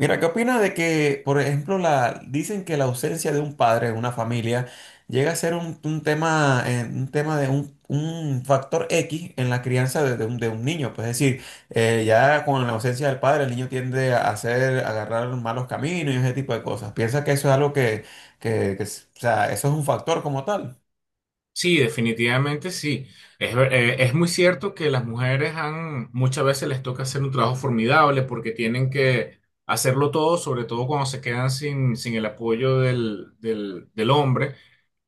Mira, ¿qué opinas de que, por ejemplo, dicen que la ausencia de un padre en una familia llega a ser un tema de un factor X en la crianza de de un niño? Pues es decir, ya con la ausencia del padre, el niño tiende a agarrar malos caminos y ese tipo de cosas. ¿Piensa que eso es algo que o sea, eso es un factor como tal? Sí, definitivamente sí. Es, es muy cierto que las mujeres han, muchas veces les toca hacer un trabajo formidable porque tienen que hacerlo todo, sobre todo cuando se quedan sin el apoyo del hombre,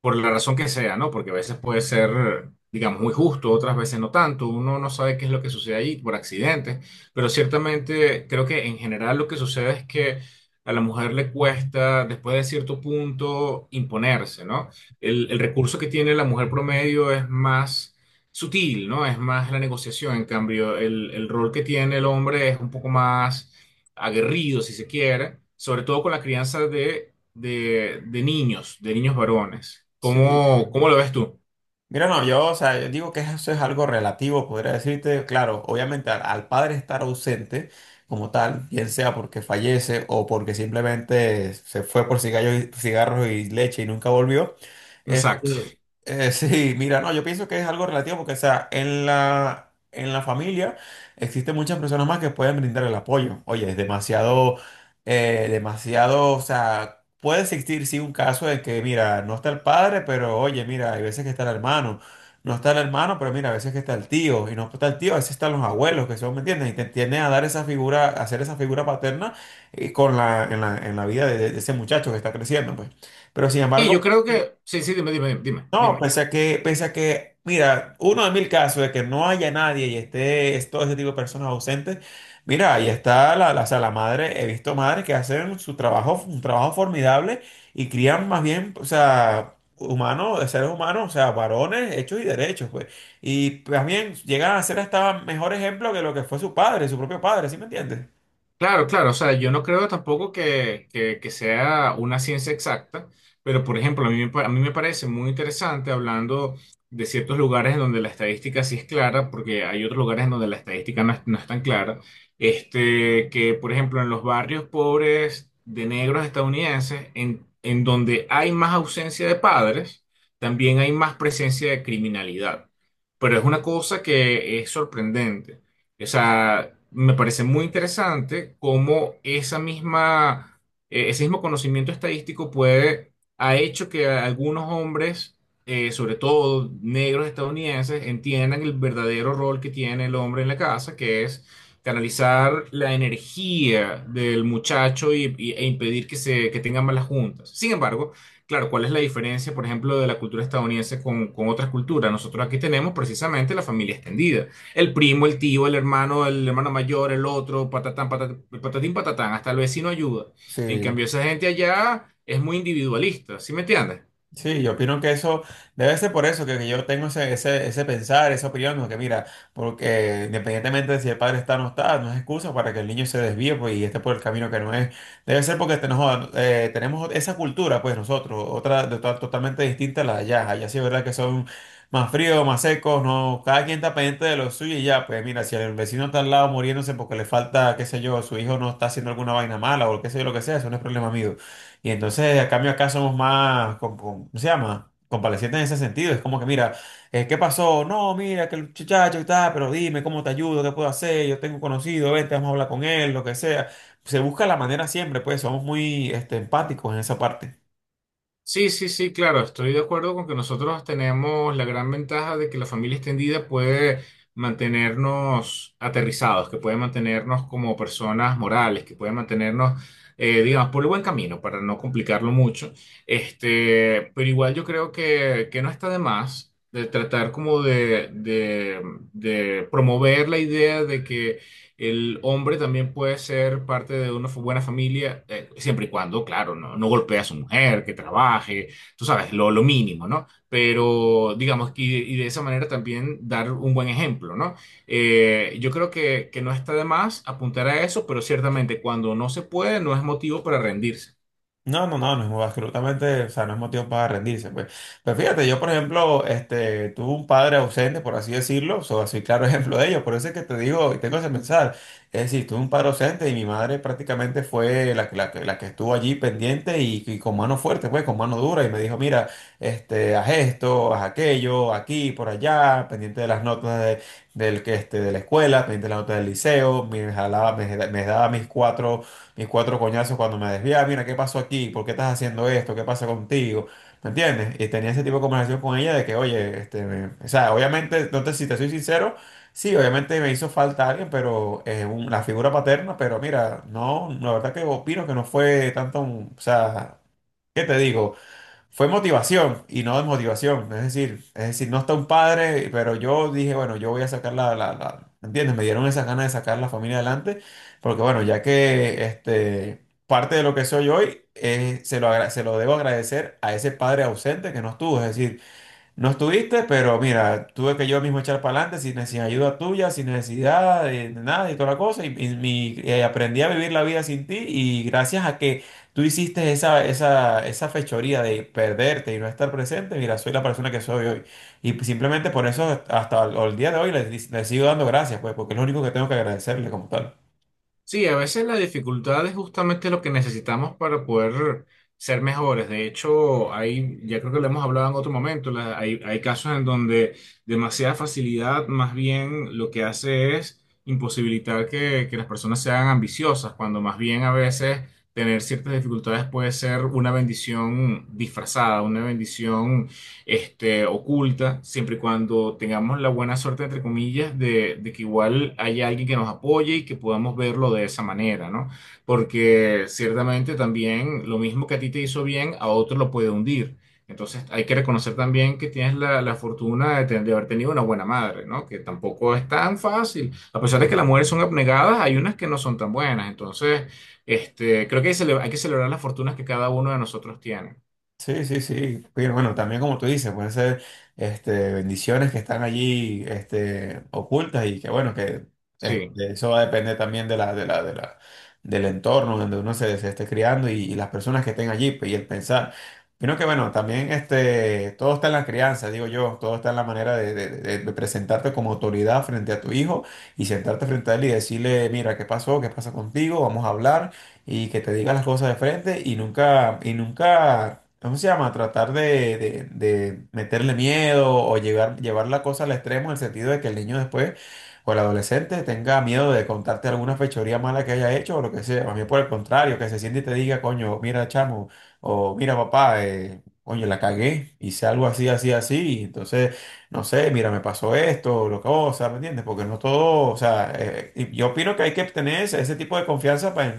por la razón que sea, ¿no? Porque a veces puede ser, digamos, muy justo, otras veces no tanto. Uno no sabe qué es lo que sucede ahí por accidentes, pero ciertamente creo que en general lo que sucede es que a la mujer le cuesta, después de cierto punto, imponerse, ¿no? El recurso que tiene la mujer promedio es más sutil, ¿no? Es más la negociación. En cambio, el rol que tiene el hombre es un poco más aguerrido, si se quiere, sobre todo con la crianza de niños, de niños varones. Sí, ¿Cómo, cómo lo ves tú? mira, no, yo, o sea, yo digo que eso es algo relativo, podría decirte, claro, obviamente al padre estar ausente como tal, bien sea porque fallece o porque simplemente se fue por cigarros y leche y nunca volvió, Exacto. eh, sí, mira, no, yo pienso que es algo relativo porque, o sea, en en la familia existen muchas personas más que pueden brindar el apoyo. Oye, es demasiado, demasiado, o sea, puede existir, sí, un caso de que, mira, no está el padre, pero oye, mira, hay veces que está el hermano. No está el hermano, pero mira, a veces que está el tío. Y no está el tío, a veces están los abuelos, que son, ¿me entiendes? Y te tienden a dar esa figura, a hacer esa figura paterna con en la vida de ese muchacho que está creciendo, pues. Pero sin Y yo embargo... creo que, sí, sí, dime, dime, dime, No, dime. Pese a que, mira, uno de mil casos de que no haya nadie y esté es todo ese tipo de personas ausentes, mira, ahí está o sea, la madre, he visto madres que hacen su trabajo, un trabajo formidable y crían más bien, o sea, humanos, seres humanos, o sea, varones hechos y derechos, pues. Y también llegan a ser hasta mejor ejemplo que lo que fue su padre, su propio padre, ¿sí me entiendes? Claro, claro, o sea, yo no creo tampoco que, que sea una ciencia exacta, pero por ejemplo, a mí, a mí me parece muy interesante hablando de ciertos lugares en donde la estadística sí es clara, porque hay otros lugares en donde la estadística no es tan clara, este, que por ejemplo en los barrios pobres de negros estadounidenses, en donde hay más ausencia de padres, también hay más presencia de criminalidad, pero es una cosa que es sorprendente. O sea, me parece muy interesante cómo esa misma, ese mismo conocimiento estadístico puede, ha hecho que algunos hombres, sobre todo negros estadounidenses, entiendan el verdadero rol que tiene el hombre en la casa, que es canalizar la energía del muchacho y, e impedir que, que tengan malas juntas. Sin embargo, claro, ¿cuál es la diferencia, por ejemplo, de la cultura estadounidense con otras culturas? Nosotros aquí tenemos precisamente la familia extendida, el primo, el tío, el hermano mayor, el otro, patatán, patatán, patatín, patatán, hasta el vecino ayuda. En Sí, cambio, esa gente allá es muy individualista, ¿sí me entiendes? sí, yo opino que eso debe ser por eso que yo tengo ese pensar, esa opinión, ¿no? Que mira, porque independientemente de si el padre está o no está, no es excusa para que el niño se desvíe pues, y esté por el camino que no es. Debe ser porque tenemos, tenemos esa cultura, pues nosotros, otra de totalmente distinta a la de allá. Allá sí es verdad que son más fríos, más secos, no, cada quien está pendiente de lo suyo y ya, pues mira, si el vecino está al lado muriéndose porque le falta, qué sé yo, su hijo no está haciendo alguna vaina mala o qué sé yo, lo que sea, eso no es problema mío. Y entonces, a cambio, acá somos más, ¿cómo se llama? Compadecientes en ese sentido. Es como que, mira, ¿qué pasó? No, mira, que el muchacho está, pero dime, ¿cómo te ayudo? ¿Qué puedo hacer? Yo tengo un conocido, vente, vamos a hablar con él, lo que sea. Se busca la manera siempre, pues somos muy este, empáticos en esa parte. Sí, sí, sí, claro, estoy de acuerdo con que nosotros tenemos la gran ventaja de que la familia extendida puede mantenernos aterrizados, que puede mantenernos como personas morales, que puede mantenernos, digamos, por el buen camino, para no complicarlo mucho. Este, pero igual yo creo que no está de más de tratar como de promover la idea de que el hombre también puede ser parte de una buena familia, siempre y cuando, claro, no golpee a su mujer, que trabaje, tú sabes, lo mínimo, ¿no? Pero digamos, y, de esa manera también dar un buen ejemplo, ¿no? Yo creo que no está de más apuntar a eso, pero ciertamente cuando no se puede, no es motivo para rendirse. No, no, no, no, absolutamente, o sea, no es motivo para rendirse, pues. Pues fíjate, yo, por ejemplo, este, tuve un padre ausente, por así decirlo, o sea, soy claro ejemplo de ello, por eso es que te digo, y tengo ese pensar, es decir, tuve un padre ausente y mi madre prácticamente fue la que estuvo allí pendiente y con mano fuerte, pues, con mano dura, y me dijo, mira, este, haz esto, haz aquello, aquí, por allá, pendiente de las notas este, de la escuela, pendiente de las notas del liceo, me jalaba, me daba mis cuatro coñazos cuando me desviaba, mira, ¿qué pasó aquí? ¿Por qué estás haciendo esto? ¿Qué pasa contigo? ¿Me entiendes? Y tenía ese tipo de conversación con ella de que, oye, este, o sea, obviamente, entonces, si te soy sincero, sí, obviamente me hizo falta alguien, pero la figura paterna, pero mira, no, la verdad que opino que no fue tanto, o sea, ¿qué te digo? Fue motivación y no desmotivación. Es decir, no está un padre, pero yo dije, bueno, yo voy a sacar ¿entiendes? Me dieron esas ganas de sacar la familia adelante, porque bueno, ya que este, parte de lo que soy hoy, se lo, se lo debo agradecer a ese padre ausente que no estuvo. Es decir, no estuviste, pero mira, tuve que yo mismo echar para adelante sin ayuda tuya, sin necesidad de, nada y toda la cosa. Aprendí a vivir la vida sin ti y gracias a que tú hiciste esa fechoría de perderte y no estar presente, mira, soy la persona que soy hoy. Y simplemente por eso hasta el día de hoy le sigo dando gracias, pues, porque es lo único que tengo que agradecerle como tal. Sí, a veces la dificultad es justamente lo que necesitamos para poder ser mejores. De hecho, hay, ya creo que lo hemos hablado en otro momento, hay, hay casos en donde demasiada facilidad más bien lo que hace es imposibilitar que las personas sean ambiciosas, cuando más bien a veces tener ciertas dificultades puede ser una bendición disfrazada, una bendición este, oculta, siempre y cuando tengamos la buena suerte, entre comillas, de que igual haya alguien que nos apoye y que podamos verlo de esa manera, ¿no? Porque ciertamente también lo mismo que a ti te hizo bien, a otro lo puede hundir. Entonces hay que reconocer también que tienes la fortuna de, de haber tenido una buena madre, ¿no? Que tampoco es tan fácil. A pesar de que las mujeres son abnegadas, hay unas que no son tan buenas. Entonces, este, creo que hay, hay que celebrar las fortunas que cada uno de nosotros tiene. Sí, sí, sí. Pero bueno, también como tú dices, pueden ser este, bendiciones que están allí este, ocultas y que bueno, que este, Sí. eso va a depender también de la, del entorno donde uno se esté criando y las personas que estén allí pues, y el pensar. Sino que bueno, también este, todo está en la crianza, digo yo, todo está en la manera de presentarte como autoridad frente a tu hijo y sentarte frente a él y decirle, mira, ¿qué pasó? ¿Qué pasa contigo? Vamos a hablar y que te diga las cosas de frente y nunca ¿cómo se llama? Tratar de meterle miedo o llevar la cosa al extremo en el sentido de que el niño después o el adolescente tenga miedo de contarte alguna fechoría mala que haya hecho o lo que sea. A mí por el contrario, que se siente y te diga, coño, mira chamo o mira papá, coño, la cagué, hice algo así, así, así. Y entonces, no sé, mira, me pasó esto, lo que cosa, ¿me entiendes? Porque no todo, o sea, y yo opino que hay que tener ese tipo de confianza para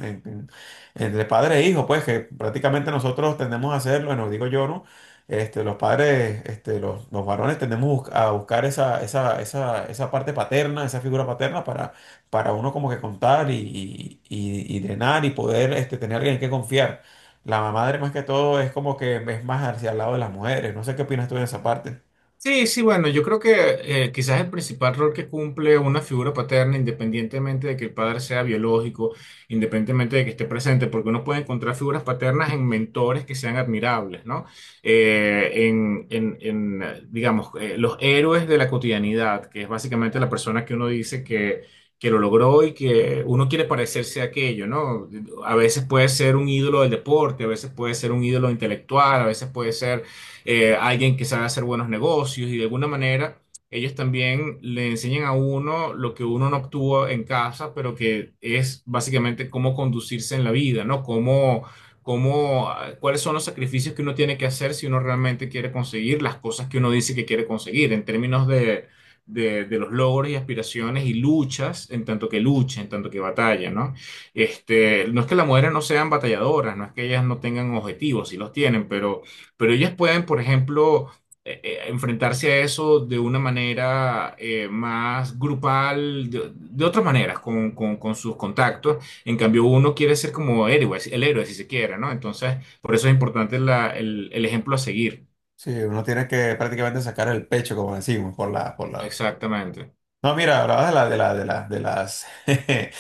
entre padre e hijo, pues que prácticamente nosotros tendemos a hacerlo, bueno, digo yo, ¿no? Este, los padres, este, los varones tendemos a buscar esa parte paterna, esa figura paterna para uno como que contar y drenar y poder este, tener alguien en que confiar. La madre más que todo es como que es más hacia el lado de las mujeres. No sé qué opinas tú en esa parte. Sí, sí, bueno, yo creo que quizás el principal rol que cumple una figura paterna, independientemente de que el padre sea biológico, independientemente de que esté presente, porque uno puede encontrar figuras paternas en mentores que sean admirables, ¿no? Digamos, los héroes de la cotidianidad, que es básicamente la persona que uno dice que lo logró y que uno quiere parecerse a aquello, ¿no? A veces puede ser un ídolo del deporte, a veces puede ser un ídolo intelectual, a veces puede ser alguien que sabe hacer buenos negocios y de alguna manera ellos también le enseñan a uno lo que uno no obtuvo en casa, pero que es básicamente cómo conducirse en la vida, ¿no? Cómo, cómo, ah, cuáles son los sacrificios que uno tiene que hacer si uno realmente quiere conseguir las cosas que uno dice que quiere conseguir en términos de... De los logros y aspiraciones y luchas, en tanto que lucha, en tanto que batalla, ¿no? Este, no es que las mujeres no sean batalladoras, no es que ellas no tengan objetivos, sí los tienen, pero ellas pueden, por ejemplo, enfrentarse a eso de una manera más grupal, de otras maneras, con, con sus contactos. En cambio, uno quiere ser como héroe, el héroe, si se quiere, ¿no? Entonces, por eso es importante el ejemplo a seguir. Sí, uno tiene que prácticamente sacar el pecho, como decimos, por Exactamente. no, mira, hablabas de las, de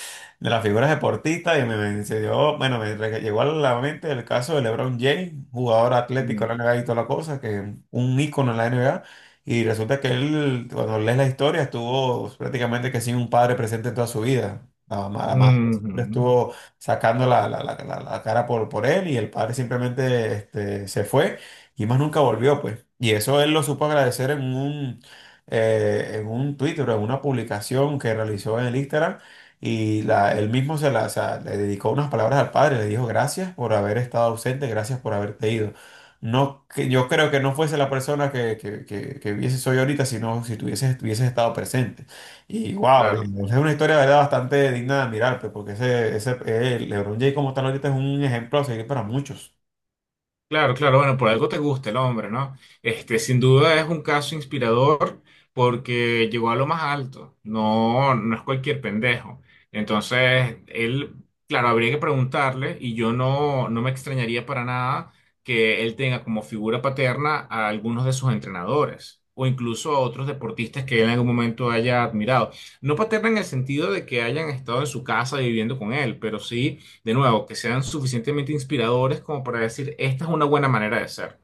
las figuras deportistas y bueno, llegó a la mente el caso de LeBron James, jugador atlético Mm. de la NBA y toda la cosa, que un ícono en la NBA, y resulta que él, cuando lees la historia, estuvo prácticamente que sin un padre presente en toda su vida. La madre siempre Ujú. estuvo sacando la cara por él y el padre simplemente este, se fue y más nunca volvió, pues. Y eso él lo supo agradecer en un Twitter o en una publicación que realizó en el Instagram y él mismo o sea, le dedicó unas palabras al padre, le dijo gracias por haber estado ausente, gracias por haberte ido. No, que yo creo que no fuese la persona que hubiese soy ahorita, sino si tuvieses, hubieses estado presente. Y wow, es Claro. una historia de verdad bastante digna de admirar, pues, porque ese LeBron James como tal ahorita es un ejemplo a seguir para muchos. Claro, claro, bueno, por algo te gusta el hombre, ¿no? Este, sin duda es un caso inspirador porque llegó a lo más alto, no, no es cualquier pendejo. Entonces, él, claro, habría que preguntarle y yo no, no me extrañaría para nada que él tenga como figura paterna a algunos de sus entrenadores o incluso a otros deportistas que él en algún momento haya admirado. No paterna en el sentido de que hayan estado en su casa viviendo con él, pero sí de nuevo, que sean suficientemente inspiradores como para decir, esta es una buena manera de ser.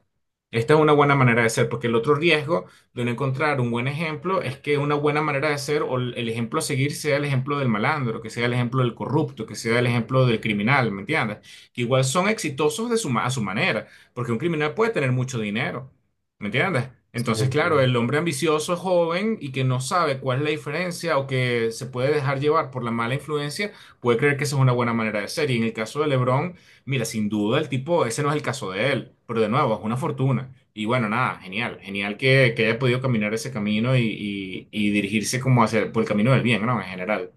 Esta es una buena manera de ser, porque el otro riesgo de no encontrar un buen ejemplo es que una buena manera de ser o el ejemplo a seguir sea el ejemplo del malandro, que sea el ejemplo del corrupto, que sea el ejemplo del criminal, ¿me entiendes? Que igual son exitosos de su, a su manera, porque un criminal puede tener mucho dinero, ¿me entiendes? Sí. Entonces, claro, el Sí. hombre ambicioso, joven y que no sabe cuál es la diferencia o que se puede dejar llevar por la mala influencia puede creer que esa es una buena manera de ser. Y en el caso de LeBron, mira, sin duda el tipo, ese no es el caso de él, pero de nuevo, es una fortuna. Y bueno, nada, genial, genial que haya podido caminar ese camino y, y dirigirse como hacia, por el camino del bien, ¿no? En general.